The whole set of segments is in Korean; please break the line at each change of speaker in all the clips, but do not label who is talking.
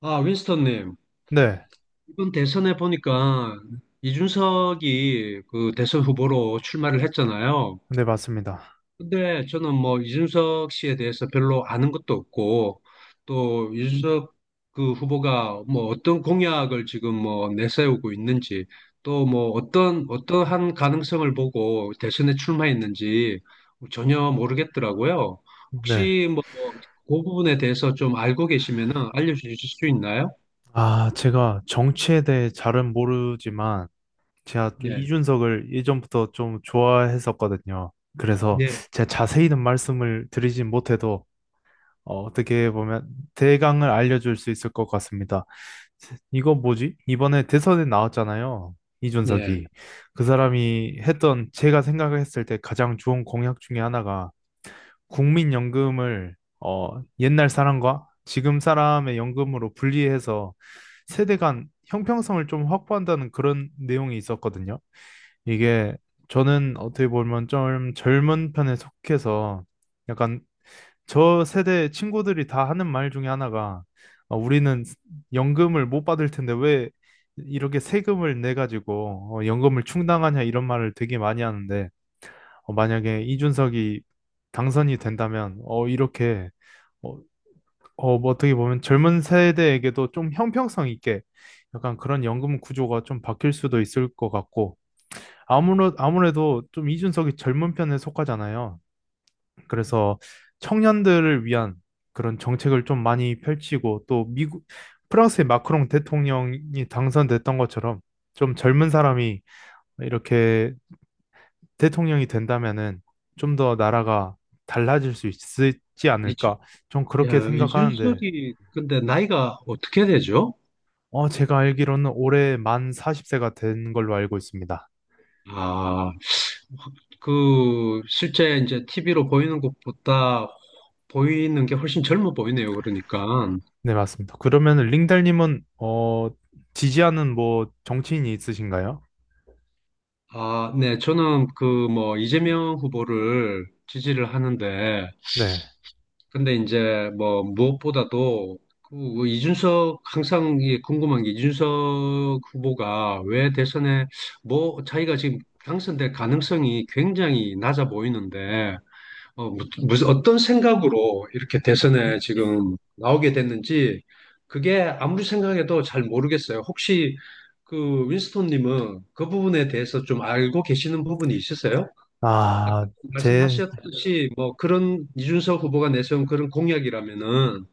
아, 윈스턴님,
네,
이번 대선에 보니까 이준석이 그 대선 후보로 출마를 했잖아요.
네, 맞습니다.
근데 저는 뭐 이준석 씨에 대해서 별로 아는 것도 없고, 또 이준석 그 후보가 뭐 어떤 공약을 지금 뭐 내세우고 있는지, 또 뭐 어떤, 어떠한 가능성을 보고 대선에 출마했는지 전혀 모르겠더라고요.
네.
혹시 뭐 그 부분에 대해서 좀 알고 계시면은 알려주실 수 있나요?
아, 제가 정치에 대해 잘은 모르지만, 제가 좀
네.
이준석을 예전부터 좀 좋아했었거든요. 그래서
네.
제가 자세히는 말씀을 드리진 못해도, 떻게 보면 대강을 알려줄 수 있을 것 같습니다. 이거 뭐지? 이번에 대선에 나왔잖아요.
예.
이준석이. 그 사람이 했던, 제가 생각했을 때 가장 좋은 공약 중에 하나가 국민연금을 옛날 사람과 지금 사람의 연금으로 분리해서 세대 간 형평성을 좀 확보한다는 그런 내용이 있었거든요. 이게 저는 어떻게 보면 좀 젊은 편에 속해서 약간 저 세대 친구들이 다 하는 말 중에 하나가 우리는 연금을 못 받을 텐데 왜 이렇게 세금을 내 가지고 연금을 충당하냐 이런 말을 되게 많이 하는데 만약에 이준석이 당선이 된다면 이렇게 어, 뭐 어떻게 보면 젊은 세대에게도 좀 형평성 있게 약간 그런 연금 구조가 좀 바뀔 수도 있을 것 같고 아무래도 좀 이준석이 젊은 편에 속하잖아요. 그래서 청년들을 위한 그런 정책을 좀 많이 펼치고 또 미국 프랑스의 마크롱 대통령이 당선됐던 것처럼 좀 젊은 사람이 이렇게 대통령이 된다면은 좀 더 나라가 달라질 수 있지
이주,
않을까? 좀 그렇게
야,
생각하는데,
이준석이 근데 나이가 어떻게 되죠?
제가 알기로는 올해 만 40세가 된 걸로 알고 있습니다.
아, 그 실제 이제 TV로 보이는 것보다 보이는 게 훨씬 젊어 보이네요. 그러니까.
네, 맞습니다. 그러면 링달님은, 지지하는 뭐 정치인이 있으신가요?
아, 네. 저는 그 뭐 이재명 후보를 지지를 하는데
네.
근데 이제 뭐 무엇보다도 그 이준석 항상 이게 궁금한 게 이준석 후보가 왜 대선에 뭐 자기가 지금 당선될 가능성이 굉장히 낮아 보이는데 무슨 어떤 생각으로 이렇게 대선에 지금 나오게 됐는지 그게 아무리 생각해도 잘 모르겠어요. 혹시 그 윈스톤님은 그 부분에 대해서 좀 알고 계시는 부분이 있으세요? 아까
아, 제,
말씀하셨듯이 뭐 그런 이준석 후보가 내세운 그런 공약이라면은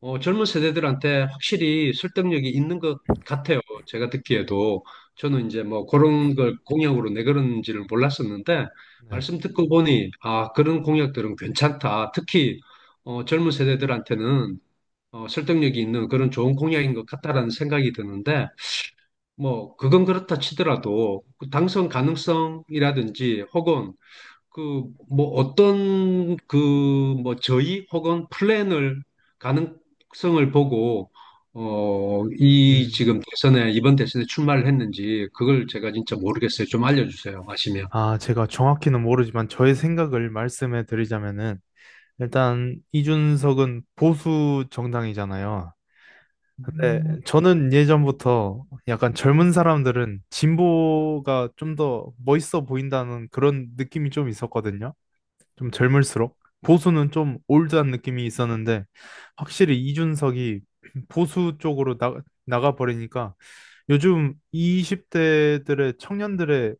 젊은 세대들한테 확실히 설득력이 있는 것 같아요. 제가 듣기에도 저는 이제 뭐 그런 걸 공약으로 내걸은지를 몰랐었는데
네.
말씀 듣고 보니 아 그런 공약들은 괜찮다. 특히 젊은 세대들한테는 설득력이 있는 그런 좋은 공약인 것 같다라는 생각이 드는데 뭐 그건 그렇다 치더라도 그 당선 가능성이라든지 혹은 그, 뭐, 어떤, 그, 뭐, 저희 혹은 플랜을, 가능성을 보고, 이
음,
지금 대선에, 이번 대선에 출마를 했는지, 그걸 제가 진짜 모르겠어요. 좀 알려주세요. 아시면.
아, 제가 정확히는 모르지만 저의 생각을 말씀해 드리자면은, 일단 이준석은 보수 정당이잖아요. 네, 저는 예전부터 약간 젊은 사람들은 진보가 좀 더 멋있어 보인다는 그런 느낌이 좀 있었거든요. 좀 젊을수록. 보수는 좀 올드한 느낌이 있었는데, 확실히 이준석이 보수 쪽으로 나가버리니까 요즘 20대들의 청년들의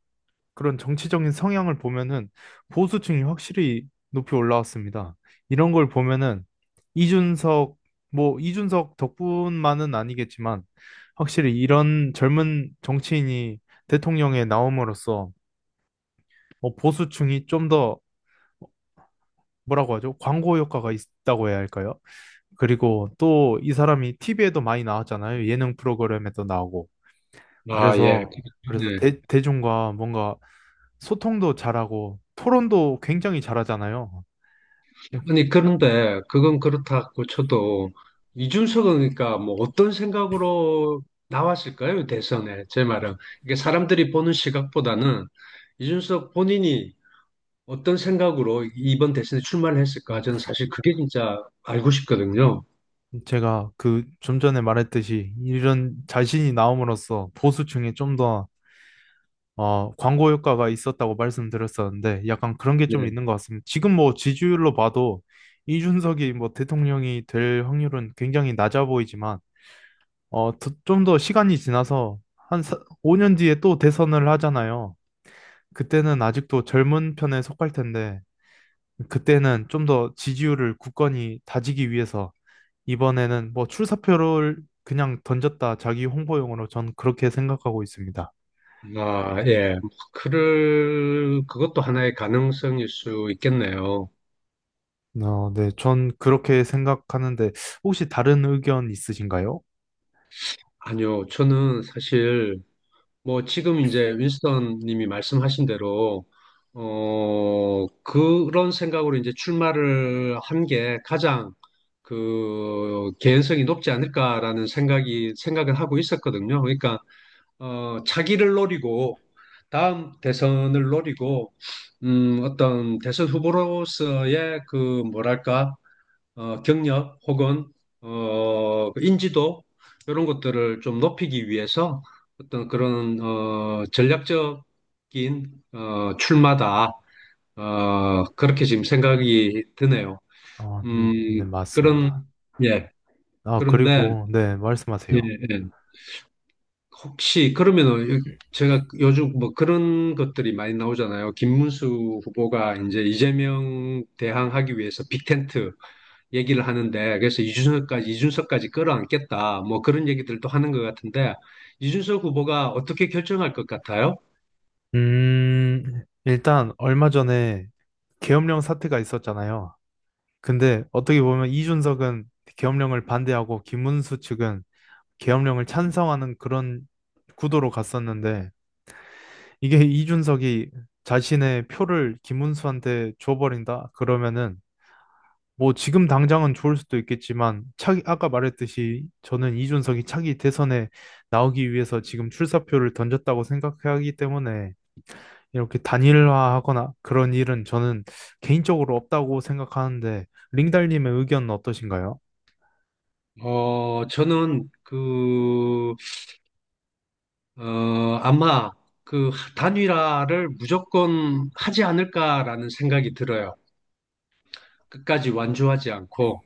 그런 정치적인 성향을 보면은 보수층이 확실히 높이 올라왔습니다. 이런 걸 보면은 이준석, 뭐 이준석 덕분만은 아니겠지만 확실히 이런 젊은 정치인이 대통령에 나옴으로써 보수층이 좀 더 뭐라고 하죠? 광고 효과가 있다고 해야 할까요? 그리고 또 이 사람이 TV에도 많이 나왔잖아요. 예능 프로그램에도 나오고.
아, 예.
그래서 그래서
네.
대중과 뭔가 소통도 잘하고 토론도 굉장히 잘하잖아요. 음,
아니, 그런데, 그건 그렇다고 쳐도, 이준석은 그러니까 뭐, 어떤 생각으로 나왔을까요? 대선에. 제 말은. 이게 사람들이 보는 시각보다는, 이준석 본인이 어떤 생각으로 이번 대선에 출마를 했을까?
음,
저는 사실 그게 진짜 알고 싶거든요.
제가 그 좀 전에 말했듯이 이런 자신이 나옴으로써 보수층에 좀 더 광고 효과가 있었다고 말씀드렸었는데 약간 그런 게 좀
네.
있는 것 같습니다. 지금 뭐 지지율로 봐도 이준석이 뭐 대통령이 될 확률은 굉장히 낮아 보이지만 어, 좀 더 시간이 지나서 한 사- 5년 뒤에 또 대선을 하잖아요. 그때는 아직도 젊은 편에 속할 텐데 그때는 좀 더 지지율을 굳건히 다지기 위해서 이번에는 뭐 출사표를 그냥 던졌다 자기 홍보용으로 전 그렇게 생각하고 있습니다.
아, 예. 그를, 그것도 하나의 가능성일 수 있겠네요.
네, 전 그렇게 생각하는데 혹시 다른 의견 있으신가요?
아니요. 저는 사실, 뭐, 지금 이제 윈스턴 님이 말씀하신 대로, 그런 생각으로 이제 출마를 한 게 가장 그 개연성이 높지 않을까라는 생각이, 생각을 하고 있었거든요. 그러니까, 차기를 노리고 다음 대선을 노리고 어떤 대선 후보로서의 그 뭐랄까 경력 혹은 그 인지도 이런 것들을 좀 높이기 위해서 어떤 그런 전략적인 출마다 그렇게 지금 생각이 드네요.
아, 네, 맞습니다.
그런 예
아,
그런데
그리고 네,
예,
말씀하세요.
예. 혹시 그러면은 제가 요즘 뭐 그런 것들이 많이 나오잖아요. 김문수 후보가 이제 이재명 대항하기 위해서 빅텐트 얘기를 하는데 그래서 이준석까지 끌어안겠다 뭐 그런 얘기들도 하는 것 같은데 이준석 후보가 어떻게 결정할 것 같아요?
일단 얼마 전에 계엄령 사태가 있었잖아요. 근데 어떻게 보면 이준석은 계엄령을 반대하고 김문수 측은 계엄령을 찬성하는 그런 구도로 갔었는데 이게 이준석이 자신의 표를 김문수한테 줘버린다 그러면은 뭐 지금 당장은 좋을 수도 있겠지만 차기 아까 말했듯이 저는 이준석이 차기 대선에 나오기 위해서 지금 출사표를 던졌다고 생각하기 때문에 이렇게 단일화하거나 그런 일은 저는 개인적으로 없다고 생각하는데 링달님의 의견은 어떠신가요?
어 저는 그 어 아마 그 단일화를 무조건 하지 않을까라는 생각이 들어요. 끝까지 완주하지 않고.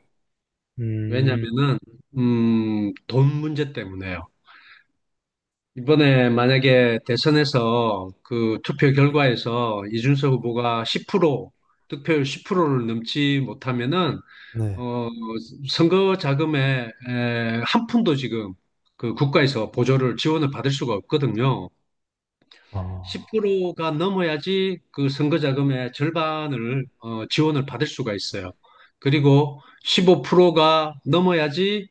음,
왜냐면은, 돈 문제 때문에요. 이번에 만약에 대선에서 그 투표 결과에서 이준석 후보가 10% 득표율 10%를 넘지 못하면은
네.
어 선거 자금에 에, 한 푼도 지금 그 국가에서 보조를 지원을 받을 수가 없거든요.
어.
10%가 넘어야지 그 선거 자금의 절반을 지원을 받을 수가 있어요. 그리고 15%가 넘어야지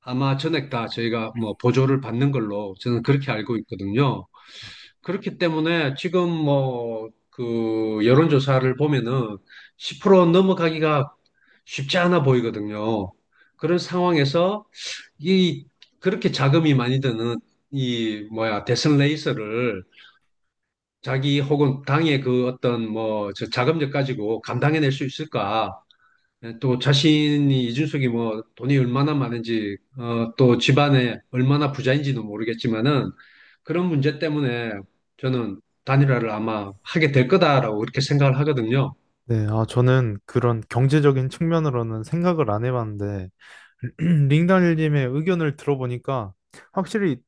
아마 전액 다 저희가 뭐 보조를 받는 걸로 저는 그렇게 알고 있거든요. 그렇기 때문에 지금 뭐 그 여론조사를 보면은 10% 넘어가기가 쉽지 않아 보이거든요. 그런 상황에서 이 그렇게 자금이 많이 드는 이 뭐야 대선 레이스를 자기 혹은 당의 그 어떤 뭐 저 자금력 가지고 감당해낼 수 있을까? 또 자신이 이준석이 뭐 돈이 얼마나 많은지 또 집안에 얼마나 부자인지도 모르겠지만은 그런 문제 때문에 저는 단일화를 아마 하게 될 거다라고 이렇게 생각을 하거든요.
네, 저는 그런 경제적인 측면으로는 생각을 안 해봤는데, 링달님의 의견을 들어보니까, 확실히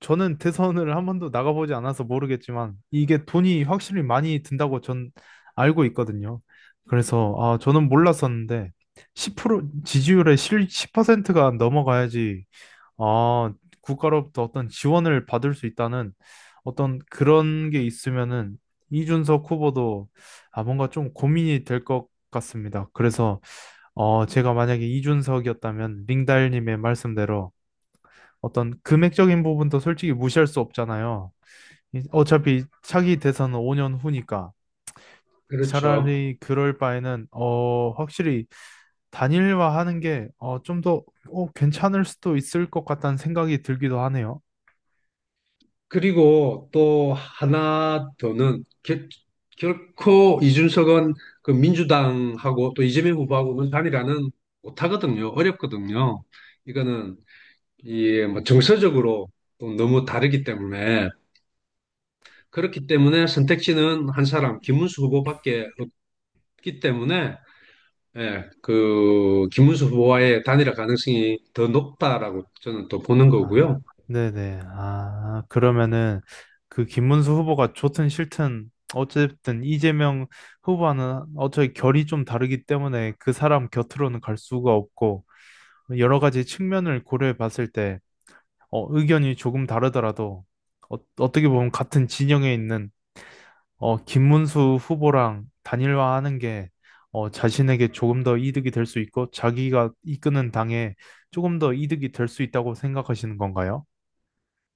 저는 대선을 한 번도 나가보지 않아서 모르겠지만, 이게 돈이 확실히 많이 든다고 전 알고 있거든요. 그래서,
음,
저는 몰랐었는데, 지지율의 10%가 넘어가야지 아, 국가로부터 어떤 지원을 받을 수 있다는 어떤 그런 게 있으면은 이준석 후보도 뭔가 좀 고민이 될 것 같습니다. 그래서 제가 만약에 이준석이었다면 링달님의 말씀대로 어떤 금액적인 부분도 솔직히 무시할 수 없잖아요. 어차피 차기 대선은 5년 후니까
그렇죠.
차라리 그럴 바에는 확실히 단일화하는 게 좀 더 괜찮을 수도 있을 것 같다는 생각이 들기도 하네요.
그리고 또 하나 더는 결, 결코 이준석은 그 민주당하고 또 이재명 후보하고는 단일화는 못하거든요. 어렵거든요. 이거는 이뭐 정서적으로 또 너무 다르기 때문에 그렇기 때문에 선택지는 한 사람, 김문수 후보밖에 없기 때문에 예, 그 김문수 후보와의 단일화 가능성이 더 높다라고 저는 또 보는
아,
거고요.
네네. 아, 그러면은 그 김문수 후보가 좋든 싫든 어쨌든 이재명 후보와는 어차피 결이 좀 다르기 때문에 그 사람 곁으로는 갈 수가 없고 여러 가지 측면을 고려해 봤을 때 의견이 조금 다르더라도 어떻게 보면 같은 진영에 있는 김문수 후보랑 단일화하는 게 자신에게 조금 더 이득이 될 수 있고 자기가 이끄는 당에 조금 더 이득이 될 수 있다고 생각하시는 건가요?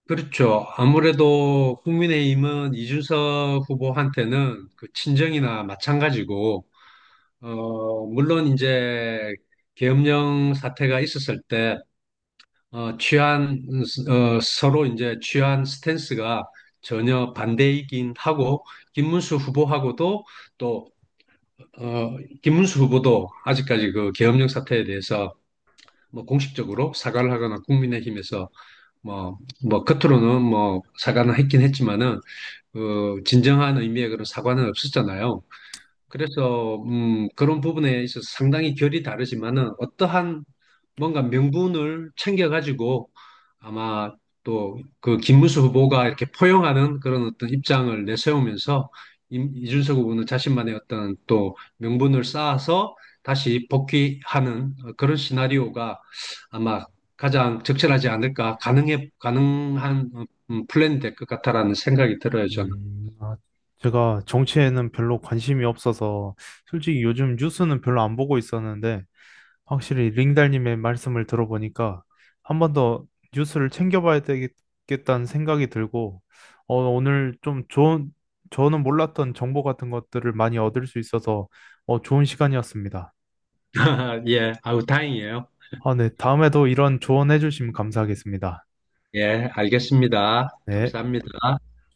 그렇죠. 아무래도 국민의힘은 이준석 후보한테는 그 친정이나 마찬가지고 물론 이제 계엄령 사태가 있었을 때 어, 취한, 서로 이제 취한 스탠스가 전혀 반대이긴 하고, 김문수 후보하고도 또, 어, 김문수 후보도 아직까지 그 계엄령 사태에 대해서 뭐 공식적으로 사과를 하거나 국민의힘에서 뭐, 뭐, 겉으로는 뭐 사과는 했긴 했지만은, 진정한 의미의 그런 사과는 없었잖아요. 그래서 그런 부분에 있어서 상당히 결이 다르지만은 어떠한 뭔가 명분을 챙겨가지고 아마 또 그 김문수 후보가 이렇게 포용하는 그런 어떤 입장을 내세우면서 이준석 후보는 자신만의 어떤 또 명분을 쌓아서 다시 복귀하는 그런 시나리오가 아마 가장 적절하지 않을까 가능해 가능한 플랜이 될 것 같다라는 생각이 들어요 저는
아, 제가 정치에는 별로 관심이 없어서 솔직히 요즘 뉴스는 별로 안 보고 있었는데 확실히 링달님의 말씀을 들어보니까 한 번 더 뉴스를 챙겨봐야 되겠다는 생각이 들고 오늘 좀 좋은 저는 몰랐던 정보 같은 것들을 많이 얻을 수 있어서 좋은 시간이었습니다.
예 아우 다행이에요.
아, 네. 다음에도 이런 조언해 주시면 감사하겠습니다.
예, 알겠습니다.
네.
감사합니다.